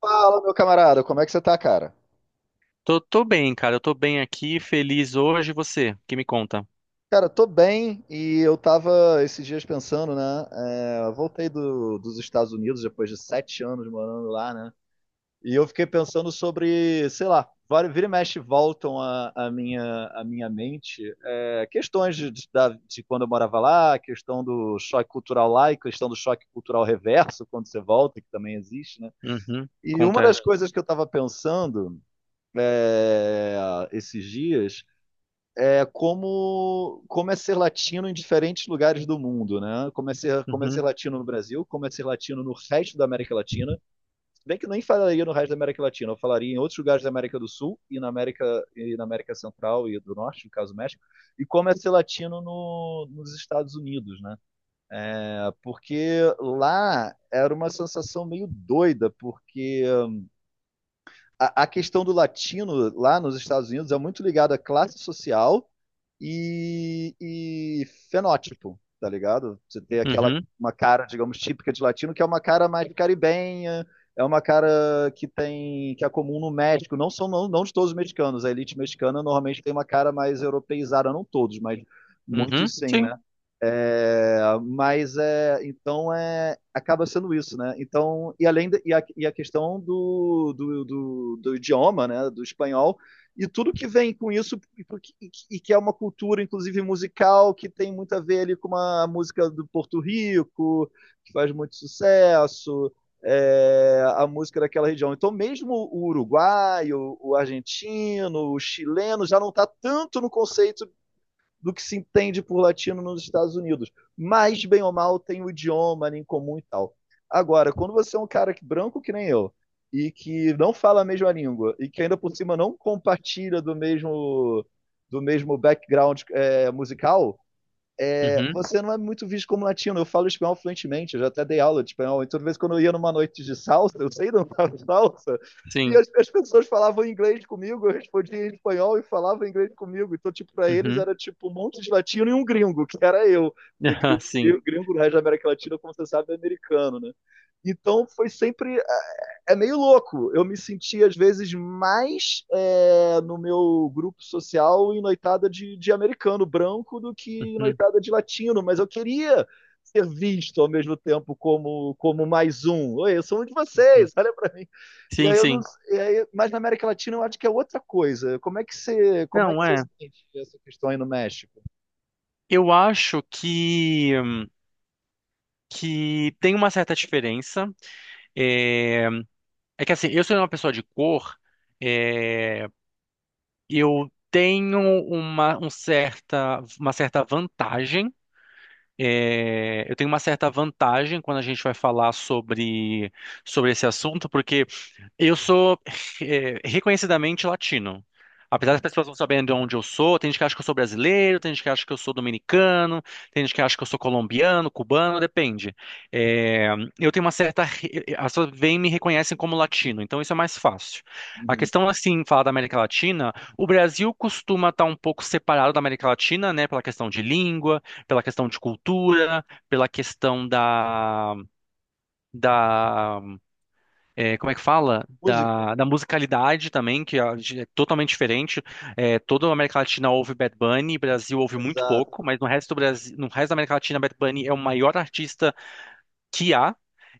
Fala, meu camarada, como é que você tá, cara? Tô bem, cara. Eu tô bem aqui, feliz hoje. E você, que me conta? Cara, tô bem e eu tava esses dias pensando, né? Eu voltei dos Estados Unidos depois de 7 anos morando lá, né? E eu fiquei pensando sobre, sei lá, vira e mexe voltam à minha mente, questões de quando eu morava lá, questão do choque cultural lá e questão do choque cultural reverso quando você volta, que também existe, né? Uhum, E uma conta. É. das coisas que eu estava pensando é, esses dias. É como ser latino em diferentes lugares do mundo, né? Como é ser Uhum, latino no Brasil, como é ser latino no resto da América Latina. Se bem que eu nem falaria no resto da América Latina, eu falaria em outros lugares da América do Sul e na América Central e do Norte, no caso do México, e como é ser latino no, nos Estados Unidos, né? É, porque lá era uma sensação meio doida, porque a questão do latino lá nos Estados Unidos é muito ligada à classe social e fenótipo, tá ligado? Você tem aquela uhum, uma cara, digamos, típica de latino, que é uma cara mais caribenha, é uma cara que é comum no México, não são não, não de todos os mexicanos, a elite mexicana normalmente tem uma cara mais europeizada, não todos, mas uhum, muitos sim, sim. né? Mas então, acaba sendo isso, né? Então, e a questão do idioma, né? Do espanhol e tudo que vem com isso e que é uma cultura, inclusive musical, que tem muito a ver ali com uma música do Porto Rico que faz muito sucesso, a música daquela região. Então, mesmo o uruguaio, o argentino, o chileno já não está tanto no conceito do que se entende por latino nos Estados Unidos. Mas, bem ou mal, tem o idioma ali em comum e tal. Agora, quando você é um cara branco que nem eu, e que não fala a mesma língua, e que ainda por cima não compartilha do mesmo background musical. é, Uhum, você não é muito visto como latino. Eu falo espanhol fluentemente, eu já até dei aula de espanhol. Então, de vez em quando eu ia numa noite de salsa, eu sei dançar salsa, e sim. as pessoas falavam inglês comigo, eu respondia em espanhol e falavam inglês comigo. Então, tipo, para eles Uhum, era tipo um monte de latino e um gringo, que era eu. Porque aham, sim. gringo, gringo no resto da América Latina, como você sabe, é americano, né? Então foi sempre meio louco. Eu me senti, às vezes, mais no meu grupo social em noitada de americano branco do que em Uhum, noitada de latino, mas eu queria ser visto ao mesmo tempo como mais um. Oi, eu sou um de uhum. vocês, olha para mim. E Sim, aí eu não, sim. e aí, mas na América Latina eu acho que é outra coisa. Como é que você, como é que Não, você é. sente essa questão aí no México? Eu acho que tem uma certa diferença. É, é que assim, eu sou uma pessoa de cor. É, eu tenho uma certa vantagem. Eu tenho uma certa vantagem quando a gente vai falar sobre esse assunto, porque eu sou reconhecidamente latino. Apesar das pessoas não saberem de onde eu sou, tem gente que acha que eu sou brasileiro, tem gente que acha que eu sou dominicano, tem gente que acha que eu sou colombiano, cubano, depende. Eh, eu tenho uma certa. Re- As pessoas vêm e me reconhecem como latino, então isso é mais fácil. A Uhum. questão, assim, falar da América Latina, o Brasil costuma estar um pouco separado da América Latina, né, pela questão de língua, pela questão de cultura, pela questão da, como é que fala? Música? Da musicalidade também, que a é totalmente diferente. É, toda a América Latina ouve Bad Bunny, Brasil ouve muito Exato. pouco, mas no resto do Brasil, no resto da América Latina, Bad Bunny é o maior artista que há.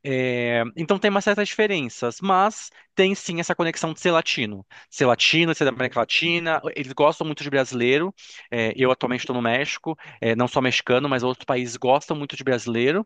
É, então tem umas certas diferenças, mas tem sim essa conexão de ser latino. Ser latino, ser da América Latina, eles gostam muito de brasileiro. É, eu atualmente estou no México, não só mexicano, mas outros países gostam muito de brasileiro.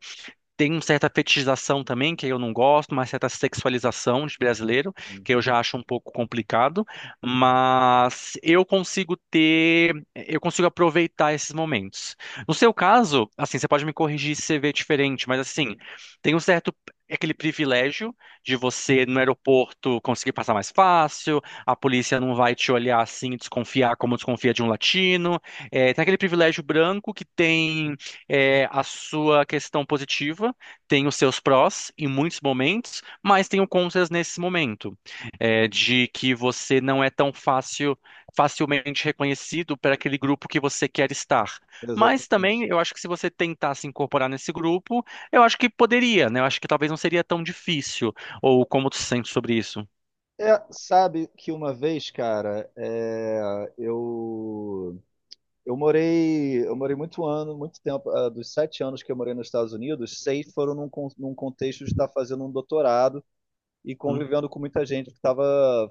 Tem uma certa fetichização também, que eu não gosto, uma certa sexualização de brasileiro, que eu já acho um pouco complicado, mas eu consigo aproveitar esses momentos. No seu caso, assim, você pode me corrigir se você vê diferente, mas assim, tem um certo aquele privilégio de você no aeroporto conseguir passar mais fácil, a polícia não vai te olhar assim e desconfiar como desconfia de um latino. É, tem aquele privilégio branco que tem, a sua questão positiva, tem os seus prós em muitos momentos, mas tem o contras nesse momento, de que você não é tão facilmente reconhecido para aquele grupo que você quer estar. Mas Exatamente. também eu acho que se você tentar se incorporar nesse grupo, eu acho que poderia, né? Eu acho que talvez não seria tão difícil. Ou como tu se sente sobre isso? Sabe que uma vez, cara, eu morei muito tempo, dos 7 anos que eu morei nos Estados Unidos, seis foram num contexto de estar fazendo um doutorado e Hum, convivendo com muita gente que estava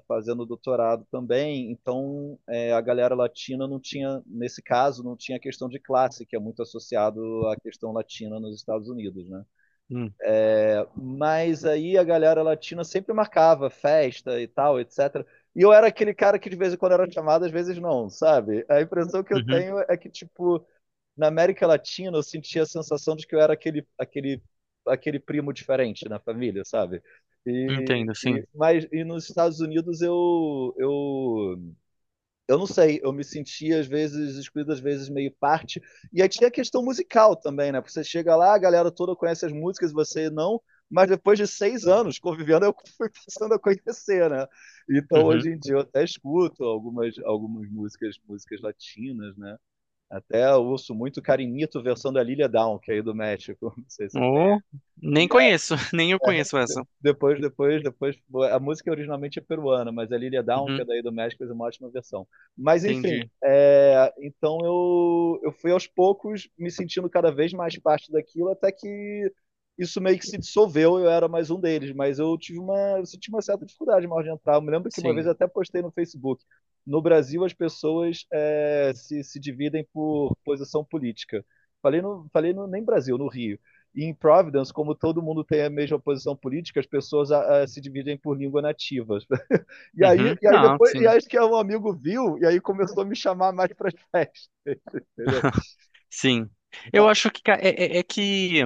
fazendo doutorado também. Então, a galera latina não tinha, nesse caso, não tinha a questão de classe, que é muito associado à questão latina nos Estados Unidos, né? hum, Mas aí a galera latina sempre marcava festa e tal, etc. E eu era aquele cara que de vez em quando era chamado, às vezes não, sabe? A impressão que eu uhum, tenho é que, tipo, na América Latina eu sentia a sensação de que eu era aquele primo diferente na família, sabe? E, entendo, e, sim. mas, e nos Estados Unidos eu não sei, eu me sentia às vezes excluído, às vezes meio parte. E aí tinha a questão musical também, né? Porque você chega lá, a galera toda conhece as músicas, você não. Mas depois de 6 anos convivendo, eu fui passando a conhecer, né? Então hoje Uhum. em dia eu até escuto algumas músicas latinas, né? Até eu ouço muito Carinito versão da Lilia Down, que é aí do México, não sei se você Oh, conhece. nem conheço, nem eu conheço essa. Depois, depois, depois. A música originalmente é peruana, mas a Lilia Down, que Uhum, é daí do México, fez uma ótima versão. Mas, enfim, entendi. Então eu fui aos poucos me sentindo cada vez mais parte daquilo, até que isso meio que se dissolveu, eu era mais um deles. Mas eu senti uma certa dificuldade mais de entrar. Eu me lembro que uma vez Sim. eu até postei no Facebook. No Brasil, as pessoas se dividem por posição política. Falei, nem Brasil, no Rio. E em Providence, como todo mundo tem a mesma posição política, as pessoas se dividem por língua nativa. E aí, Uhum. e aí Não, depois, e sim. acho que é um amigo viu, e aí começou a me chamar mais para as festas, entendeu? Sim. Eu Ah, acho que é que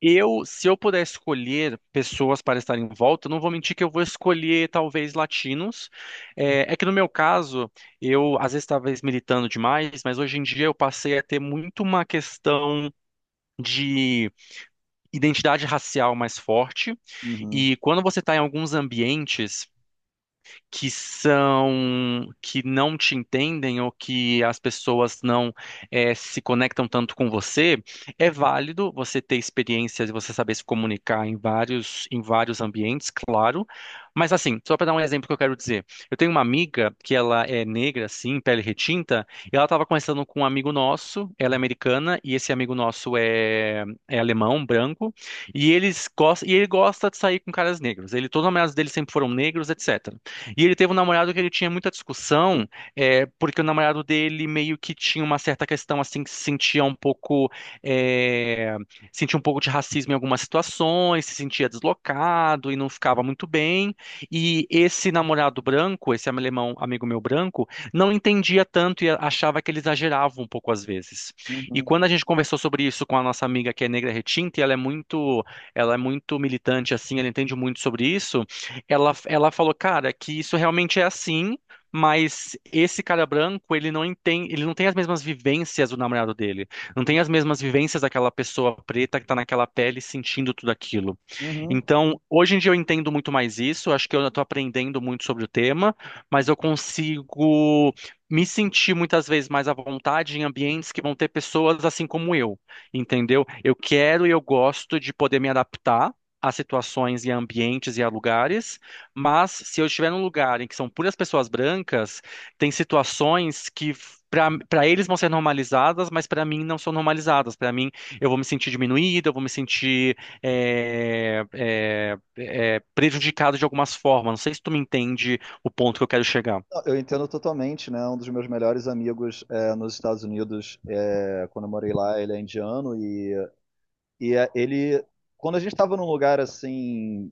eu, se eu puder escolher pessoas para estar em volta, eu não vou mentir que eu vou escolher talvez latinos. É que no meu caso, eu às vezes talvez militando demais, mas hoje em dia eu passei a ter muito uma questão de identidade racial mais forte. uhum, E quando você está em alguns ambientes que não te entendem ou que as pessoas não se conectam tanto com você, é válido você ter experiências e você saber se comunicar em vários ambientes, claro. Mas assim, só para dar um exemplo que eu quero dizer, eu tenho uma amiga que ela é negra, assim, pele retinta, e ela estava conversando com um amigo nosso, ela é americana e esse amigo nosso é alemão, branco, e ele gosta de sair com caras negros. Ele, todos os namorados dele sempre foram negros, etc. E ele teve um namorado que ele tinha muita discussão, porque o namorado dele meio que tinha uma certa questão assim que se sentia um pouco, é, sentia um pouco de racismo em algumas situações, se sentia deslocado e não ficava muito bem. E esse namorado branco, esse alemão amigo meu branco, não entendia tanto e achava que ele exagerava um pouco às vezes. E uhum, quando a gente conversou sobre isso com a nossa amiga que é negra retinta, ela é muito militante assim, ela entende muito sobre isso. Ela falou, cara, que isso realmente é assim, mas esse cara branco, ele não tem as mesmas vivências do namorado dele. Não tem uhum, as mesmas vivências daquela pessoa preta que tá naquela pele sentindo tudo aquilo. uhum. Então, hoje em dia eu entendo muito mais isso, acho que eu estou aprendendo muito sobre o tema, mas eu consigo me sentir muitas vezes mais à vontade em ambientes que vão ter pessoas assim como eu, entendeu? Eu quero e eu gosto de poder me adaptar a situações e a ambientes e a lugares, mas se eu estiver num lugar em que são puras pessoas brancas, tem situações que para eles vão ser normalizadas, mas para mim não são normalizadas. Para mim, eu vou me sentir diminuída, eu vou me sentir prejudicado de algumas formas. Não sei se tu me entende o ponto que eu quero chegar. Eu entendo totalmente, né? Um dos meus melhores amigos nos Estados Unidos, quando eu morei lá, ele é indiano e ele, quando a gente estava num lugar assim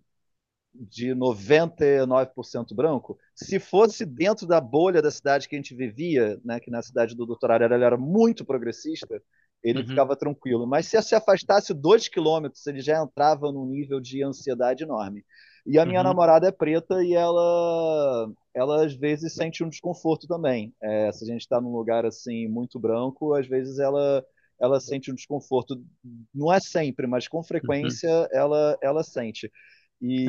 de 99% branco, se fosse dentro da bolha da cidade que a gente vivia, né, que na cidade do Dr. Arara ele era muito progressista, ele Uhum, ficava tranquilo. Mas se afastasse 2 km, ele já entrava num nível de ansiedade enorme. E a minha uhum, namorada é preta e ela às vezes sente um desconforto também. Se a gente está num lugar assim muito branco, às vezes ela sente um desconforto. Não é sempre, mas com uhum. frequência ela sente.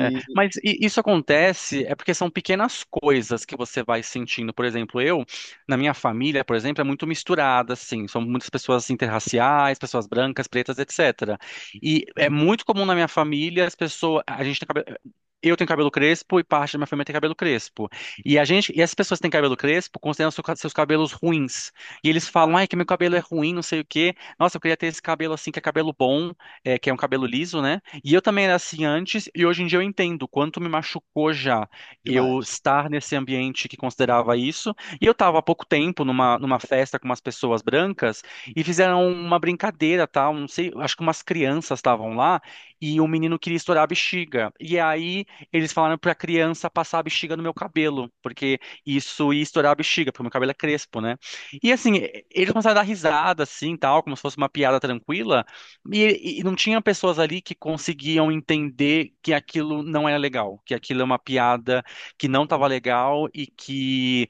É, mas isso acontece é porque são pequenas coisas que você vai sentindo. Por exemplo, eu, na minha família, por exemplo, é muito misturada, assim. São muitas pessoas interraciais, pessoas brancas, pretas, etc. E é muito comum na minha família as pessoas. A gente tem cabelo. Eu tenho cabelo crespo e parte da minha família tem cabelo crespo. E a gente, e as pessoas que têm cabelo crespo consideram seus cabelos ruins. E eles falam, ai, que meu cabelo é ruim, não sei o quê. Nossa, eu queria ter esse cabelo assim, que é cabelo bom, que é um cabelo liso, né? E eu também era assim antes, e hoje em dia eu entendo o quanto me machucou já eu demais. estar nesse ambiente que considerava isso. E eu estava há pouco tempo numa festa com umas pessoas brancas e fizeram uma brincadeira, tá? Não sei, acho que umas crianças estavam lá e o menino queria estourar a bexiga. E aí eles falaram para a criança passar a bexiga no meu cabelo, porque isso ia estourar a bexiga, porque meu cabelo é crespo, né? E assim, eles começaram a dar risada assim, tal, como se fosse uma piada tranquila. E não tinha pessoas ali que conseguiam entender que aquilo não era legal, que aquilo é uma piada que não estava legal e que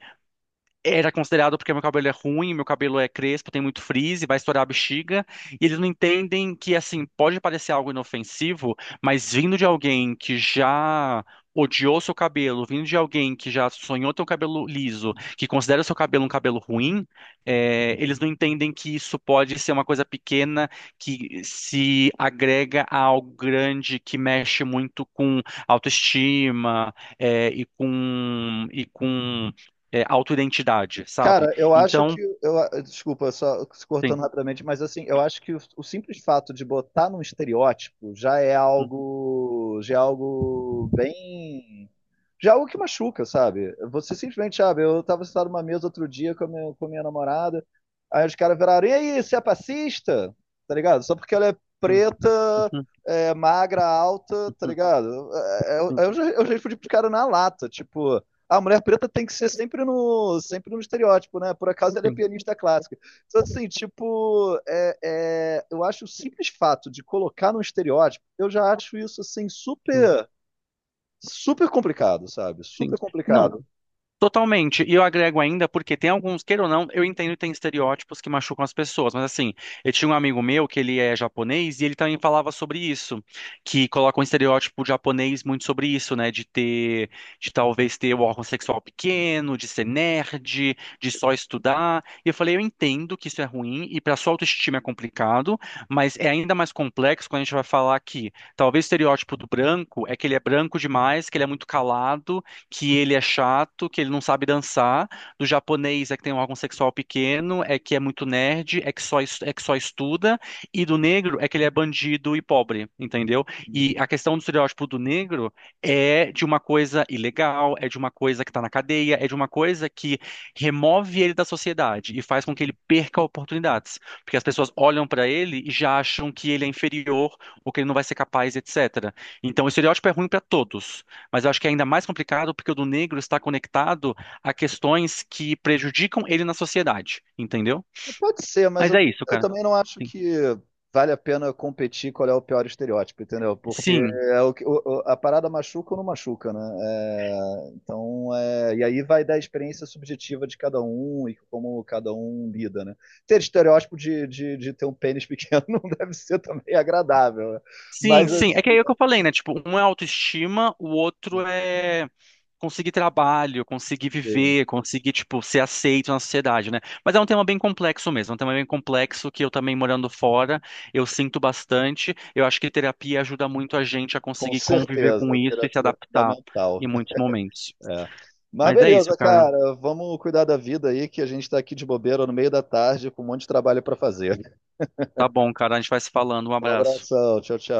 era considerado porque meu cabelo é ruim, meu cabelo é crespo, tem muito frizz, vai estourar a bexiga, e eles não entendem que, assim, pode parecer algo inofensivo, mas vindo de alguém que já odiou seu cabelo, vindo de alguém que já sonhou ter um cabelo liso, que considera seu cabelo um cabelo ruim, eles não entendem que isso pode ser uma coisa pequena que se agrega a algo grande que mexe muito com autoestima, e com, autoidentidade, sabe? Cara, eu acho que. Então, Eu, desculpa, só se sim, cortando rapidamente, mas assim, eu acho que o simples fato de botar num estereótipo já é sim, algo. Já é algo bem. Já é algo que machuca, sabe? Você simplesmente, sabe, eu tava sentado numa mesa outro dia com a minha namorada, aí os caras viraram, e aí, você é passista? Tá ligado? Só porque ela é sim, preta, sim, magra, alta, tá ligado? Eu, sim, eu, já- eu já respondi pro cara na lata, tipo. A mulher preta tem que ser sempre no estereótipo, né? Por acaso ela é sim, pianista clássica. Então, assim, tipo, eu acho o simples fato de colocar num estereótipo, eu já acho isso, assim, sim. super, super complicado, sabe? Sim. Super Não, complicado. totalmente. E eu agrego ainda porque tem alguns, queira ou não, eu entendo que tem estereótipos que machucam as pessoas, mas assim, eu tinha um amigo meu que ele é japonês e ele também falava sobre isso, que coloca um estereótipo japonês muito sobre isso, né, de ter, de talvez ter o órgão sexual pequeno, de ser nerd, de só estudar. E eu falei, eu entendo que isso é ruim e para sua autoestima é complicado, mas é ainda mais complexo quando a gente vai falar que talvez o estereótipo do branco é que ele é branco demais, que ele é muito calado, que ele é chato, que ele não sabe dançar. Do japonês é que tem um órgão sexual pequeno, é que é muito nerd, é que só estuda. E do negro é que ele é bandido e pobre, entendeu? E a questão do estereótipo do negro é de uma coisa ilegal, é de uma coisa que está na cadeia, é de uma coisa que remove ele da sociedade e faz com que ele perca oportunidades. Porque as pessoas olham para ele e já acham que ele é inferior ou que ele não vai ser capaz, etc. Então, o estereótipo é ruim para todos. Mas eu acho que é ainda mais complicado porque o do negro está conectado a questões que prejudicam ele na sociedade, entendeu? Pode ser, mas Mas eu, é isso, eu cara. também não acho Sim. que vale a pena competir qual é o pior estereótipo, entendeu? Porque Sim, é o, que- o- a parada machuca ou não machuca, né? Então, e aí vai da experiência subjetiva de cada um e como cada um lida, né? Ter estereótipo de ter um pênis pequeno não deve ser também agradável, né? sim, Mas sim. É assim, que é o que eu falei, né? Tipo, um é autoestima, o outro é conseguir trabalho, conseguir sim, viver, conseguir, tipo, ser aceito na sociedade, né? Mas é um tema bem complexo mesmo, é um tema bem complexo que eu também morando fora, eu sinto bastante. Eu acho que terapia ajuda muito a gente a com conseguir conviver com certeza, a isso e se terapia é adaptar fundamental. em muitos momentos. É. Mas Mas é isso, beleza, cara. cara. Vamos cuidar da vida aí, que a gente tá aqui de bobeira no meio da tarde com um monte de trabalho pra fazer. Tá bom, cara. A gente vai se falando. Um Um abraço. abração. Tchau, tchau.